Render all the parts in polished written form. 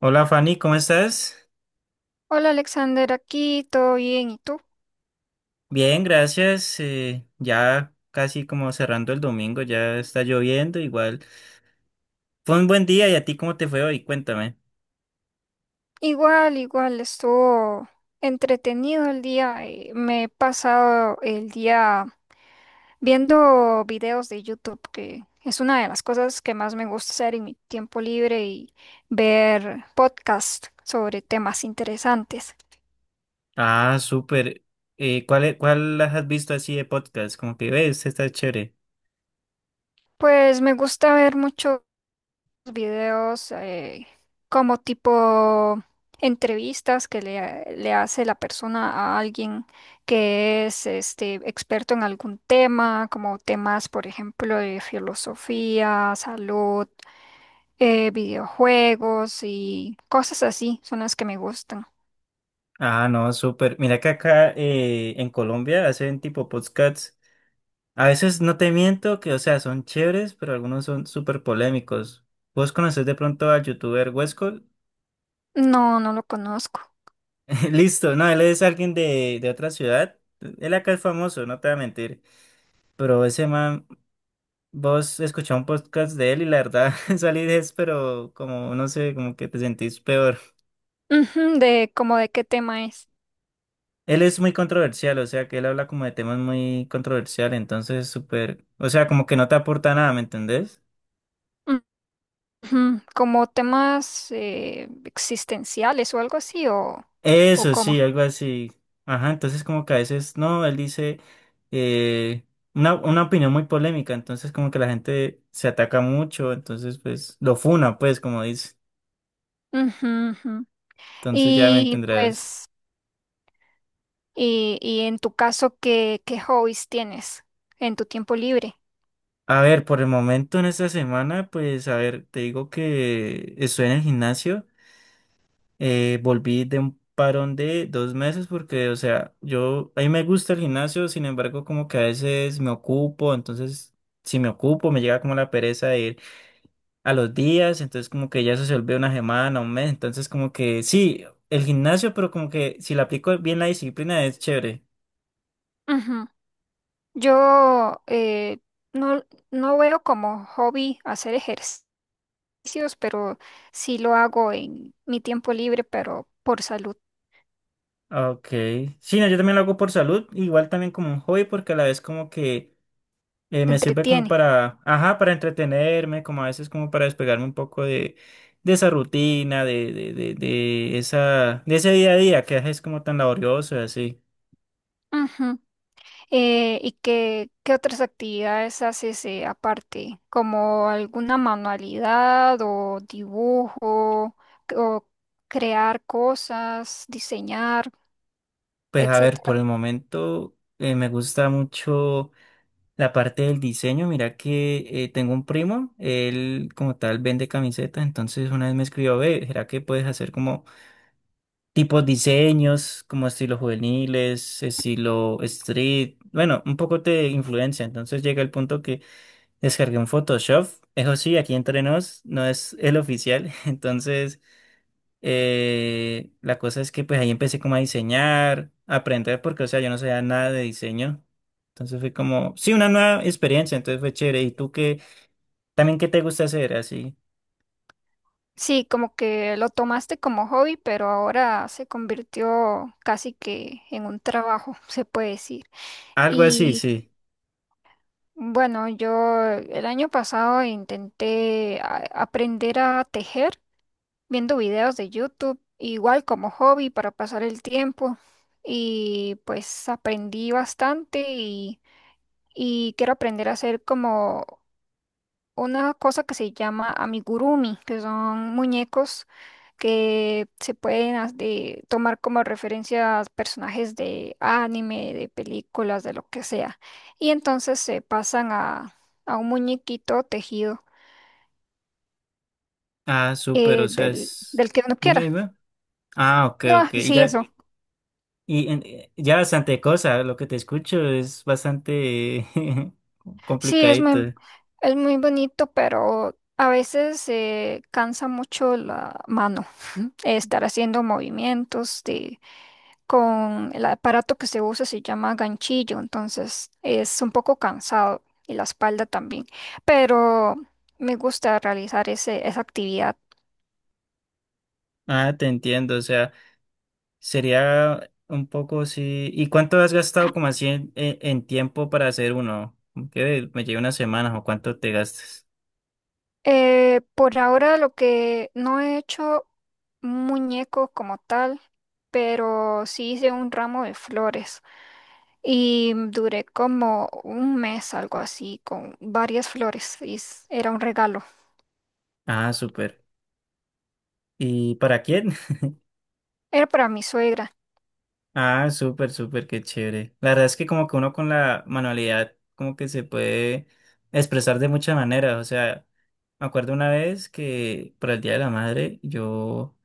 Hola Fanny, ¿cómo estás? Hola Alexander, aquí todo bien, ¿y tú? Bien, gracias. Ya casi como cerrando el domingo, ya está lloviendo igual. Fue un buen día. Y a ti, ¿cómo te fue hoy? Cuéntame. Igual, igual, estuvo entretenido el día. Me he pasado el día viendo videos de YouTube, que es una de las cosas que más me gusta hacer en mi tiempo libre y ver podcasts sobre temas interesantes. Ah, súper. ¿Cuál las has visto así de podcast? Como que ves, está chévere. Pues me gusta ver mucho videos como tipo entrevistas que le hace la persona a alguien que es este experto en algún tema, como temas, por ejemplo, de filosofía, salud, videojuegos y cosas así, son las que me gustan. Ah, no, súper. Mira que acá en Colombia hacen tipo podcasts. A veces no te miento que, o sea, son chéveres, pero algunos son súper polémicos. ¿Vos conocés de pronto al youtuber Huesco? No, no lo conozco. Listo, no, él es alguien de otra ciudad. Él acá es famoso, no te voy a mentir. Pero ese man, vos escuchás un podcast de él y la verdad salí de eso, pero como no sé, como que te sentís peor. Ujú, de como de qué tema es. Él es muy controversial, o sea que él habla como de temas muy controversiales, entonces súper, o sea, como que no te aporta nada, ¿me entendés? Ujú, como temas existenciales o algo así o Eso cómo. sí, algo así. Ajá, entonces como que a veces, no, él dice eh, una opinión muy polémica, entonces como que la gente se ataca mucho, entonces pues lo funa, pues como dice. Ujú, ujú. Entonces ya me Y entenderás. pues, y en tu caso, ¿qué, qué hobbies tienes en tu tiempo libre? A ver, por el momento en esta semana, pues a ver, te digo que estoy en el gimnasio. Volví de un parón de dos meses porque, o sea, yo, a mí me gusta el gimnasio, sin embargo como que a veces me ocupo, entonces si me ocupo me llega como la pereza de ir a los días, entonces como que ya eso se vuelve una semana, un mes, entonces como que sí, el gimnasio, pero como que si le aplico bien la disciplina es chévere. Ujú. Yo no, no veo como hobby hacer ejercicios, pero sí lo hago en mi tiempo libre, pero por salud, Ah, ok, sí, no, yo también lo hago por salud, igual también como un hobby, porque a la vez como que te me sirve como entretiene. para, ajá, para entretenerme, como a veces como para despegarme un poco de esa rutina, de esa, de ese día a día que es como tan laborioso y así. Ujú. ¿Y qué, qué otras actividades haces aparte? ¿Como alguna manualidad o dibujo o crear cosas, diseñar? Pues a ver, Etcétera. por el momento me gusta mucho la parte del diseño. Mira que tengo un primo, él como tal vende camisetas, entonces una vez me escribió, ve, ¿será que puedes hacer como tipos diseños, como estilo juveniles, estilo street? Bueno, un poco te influencia, entonces llega el punto que descargué un Photoshop, eso sí, aquí entre nos, no es el oficial. Entonces la cosa es que pues ahí empecé como a diseñar, a aprender, porque o sea, yo no sabía nada de diseño. Entonces fue como, sí, una nueva experiencia, entonces fue chévere. ¿Y tú qué, también qué te gusta hacer así? Sí, como que lo tomaste como hobby, pero ahora se convirtió casi que en un trabajo, se puede decir. Algo así, Y sí. bueno, yo el año pasado intenté aprender a tejer viendo videos de YouTube, igual como hobby para pasar el tiempo. Y pues aprendí bastante y quiero aprender a hacer como una cosa que se llama amigurumi, que son muñecos que se pueden tomar como referencias personajes de anime, de películas, de lo que sea. Y entonces se pasan a un muñequito tejido Ah, súper, o sea, es... del que uno Dime, quiera. dime. Ah, ok, No, ok. Y sí, ya, eso. y ya bastante cosa, lo que te escucho es bastante Sí, es muy, complicadito. es muy bonito, pero a veces se cansa mucho la mano. Estar haciendo movimientos de, con el aparato que se usa se llama ganchillo, entonces es un poco cansado y la espalda también, pero me gusta realizar esa actividad. Ah, te entiendo, o sea. Sería un poco, sí. ¿Y cuánto has gastado como así en, en tiempo para hacer uno? Como que me lleva unas semanas o cuánto te gastas. Por ahora lo que no he hecho un muñeco como tal, pero sí hice un ramo de flores y duré como un mes, algo así, con varias flores y era un regalo. Ah, súper. ¿Y para quién? Era para mi suegra. Ah, súper, súper, qué chévere. La verdad es que como que uno con la manualidad como que se puede expresar de muchas maneras. O sea, me acuerdo una vez que para el Día de la Madre yo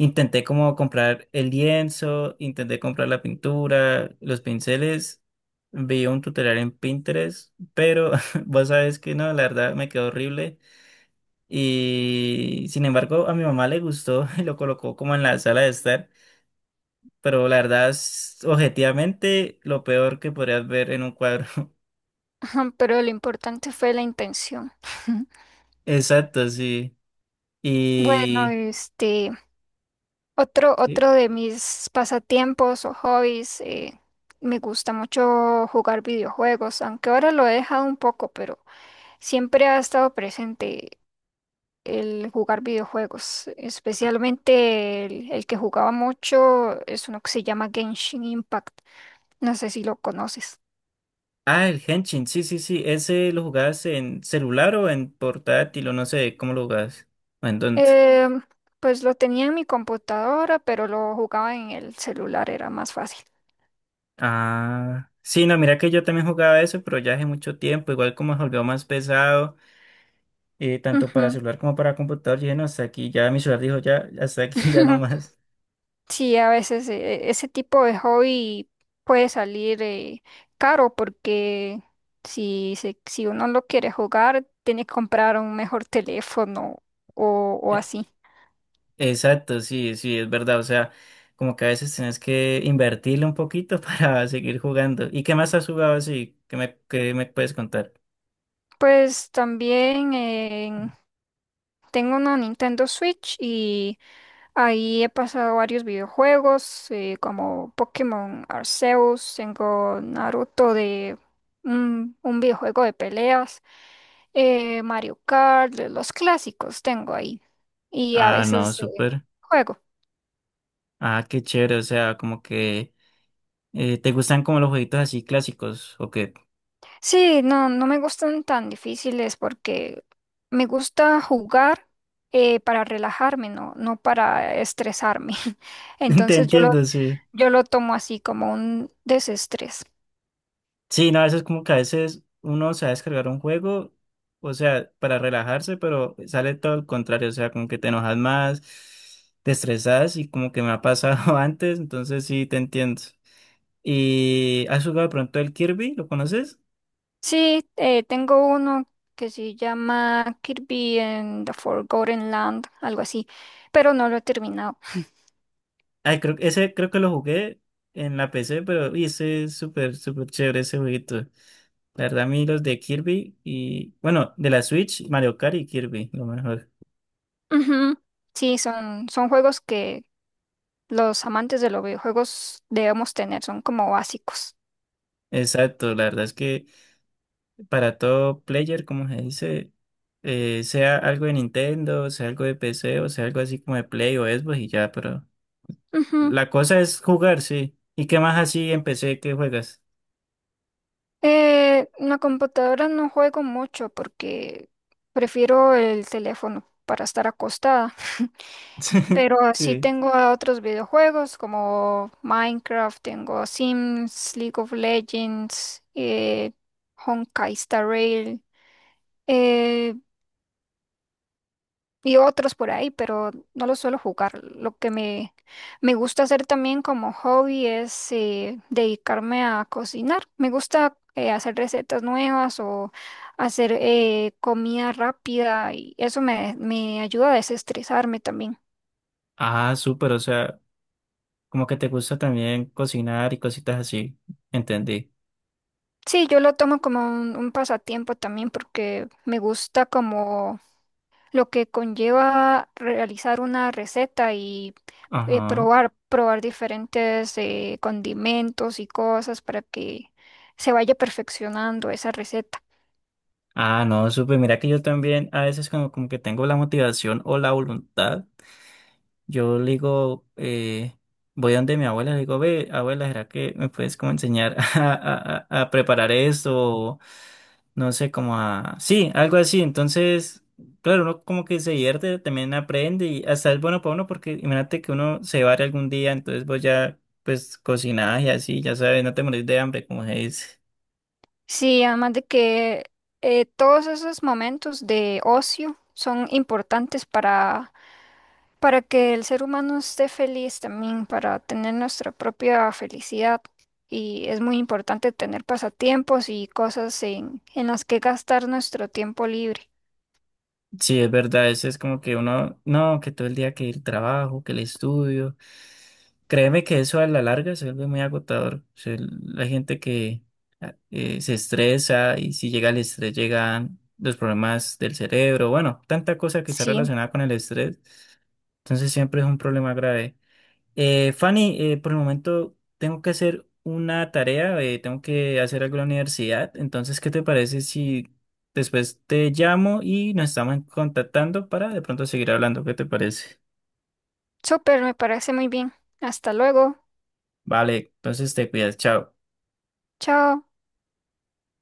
intenté como comprar el lienzo, intenté comprar la pintura, los pinceles, vi un tutorial en Pinterest, pero vos sabes que no, la verdad me quedó horrible. Y sin embargo, a mi mamá le gustó y lo colocó como en la sala de estar, pero la verdad es objetivamente lo peor que podrías ver en un cuadro. Pero lo importante fue la intención. Exacto, sí. Bueno, Y este, sí. otro de mis pasatiempos o hobbies, me gusta mucho jugar videojuegos, aunque ahora lo he dejado un poco, pero siempre ha estado presente el jugar videojuegos, especialmente el que jugaba mucho es uno que se llama Genshin Impact, no sé si lo conoces. Ah, el Henshin, sí, sí, sí. ¿Ese lo jugabas en celular o en portátil o no sé cómo lo jugabas? ¿O en dónde? Em, pues lo tenía en mi computadora, pero lo jugaba en el celular, era más fácil. Ah, sí, no, mira que yo también jugaba eso, pero ya hace mucho tiempo, igual como se volvió más pesado. Tanto para Ujú. celular como para computador, dije, no, hasta aquí, ya mi celular dijo, ya, hasta aquí, ya no más. Sí, a veces ese tipo de hobby puede salir caro porque si uno lo quiere jugar, tiene que comprar un mejor teléfono o Eh, así. exacto, sí, sí, es verdad, o sea, como que a veces tienes que invertirle un poquito para seguir jugando. ¿Y qué más has jugado así? Qué me puedes contar? Pues también tengo una Nintendo Switch y ahí he pasado varios videojuegos como Pokémon Arceus, tengo Naruto de un videojuego de peleas. Eh, Mario Kart, de los clásicos tengo ahí. Y a Ah, no, veces súper. juego. Ah, qué chévere, o sea, como que te gustan como los jueguitos así clásicos, ¿o qué? Sí, no, no me gustan tan difíciles porque me gusta jugar para relajarme, no, no para estresarme. Te Entonces yo lo, entiendo, sí. yo lo tomo así como un desestrés. Sí, no, a veces como que a veces uno se va a descargar un juego, o sea, para relajarse, pero sale todo el contrario, o sea, como que te enojas más, te estresas y como que me ha pasado antes, entonces sí, te entiendo. ¿Y has jugado de pronto el Kirby? ¿Lo conoces? Sí, tengo uno que se llama Kirby and the Forgotten Land, algo así, pero no lo he terminado. Ay, creo, ese creo que lo jugué en la PC, pero uy, ese es súper, súper chévere ese jueguito. La verdad, a mí los de Kirby y, bueno, de la Switch, Mario Kart y Kirby, lo mejor. Ujú. Son juegos que los amantes de los videojuegos debemos tener, son como básicos. Exacto, la verdad es que para todo player, como se dice, sea algo de Nintendo, sea algo de PC o sea algo así como de Play o Xbox y ya, pero Ujú. la cosa es jugar, sí. ¿Y qué más así en PC que juegas? En la computadora no juego mucho porque prefiero el teléfono para estar acostada, pero así Sí. tengo a otros videojuegos como Minecraft, tengo Sims, League of Legends, Honkai Star Rail. eh, y otros por ahí, pero no los suelo jugar. Me gusta hacer también como hobby es dedicarme a cocinar. Me gusta hacer recetas nuevas o hacer comida rápida y me ayuda a desestresarme también. Ah, súper, o sea, como que te gusta también cocinar y cositas así. Entendí. Sí, yo lo tomo como un pasatiempo también porque me gusta como lo que conlleva realizar una receta y Ajá. Probar diferentes condimentos y cosas para que se vaya perfeccionando esa receta. Ah, no, súper. Mira que yo también a veces como, como que tengo la motivación o la voluntad. Yo le digo, voy donde mi abuela, le digo, ve, abuela, ¿será que me puedes como enseñar a, a preparar esto? O no sé, como a... Sí, algo así. Entonces, claro, uno como que se divierte, también aprende y hasta es bueno para uno porque imagínate que uno se va algún día, entonces vos ya, pues, cocinás y así, ya sabes, no te morís de hambre, como se dice. Sí, además de que todos esos momentos de ocio son importantes para que el ser humano esté feliz también, para tener nuestra propia felicidad. Y es muy importante tener pasatiempos y cosas en las que gastar nuestro tiempo libre. Sí, es verdad, eso es como que uno, no, que todo el día que el trabajo, que el estudio. Créeme que eso a la larga se vuelve muy agotador. O sea, la gente que se estresa y si llega el estrés llegan los problemas del cerebro, bueno, tanta cosa que está Sí, relacionada con el estrés. Entonces siempre es un problema grave. Fanny, por el momento tengo que hacer una tarea, tengo que hacer algo en la universidad, entonces, ¿qué te parece si después te llamo y nos estamos contactando para de pronto seguir hablando? ¿Qué te parece? súper, me parece muy bien. Hasta luego. Vale, entonces te cuidas, chao. Chao.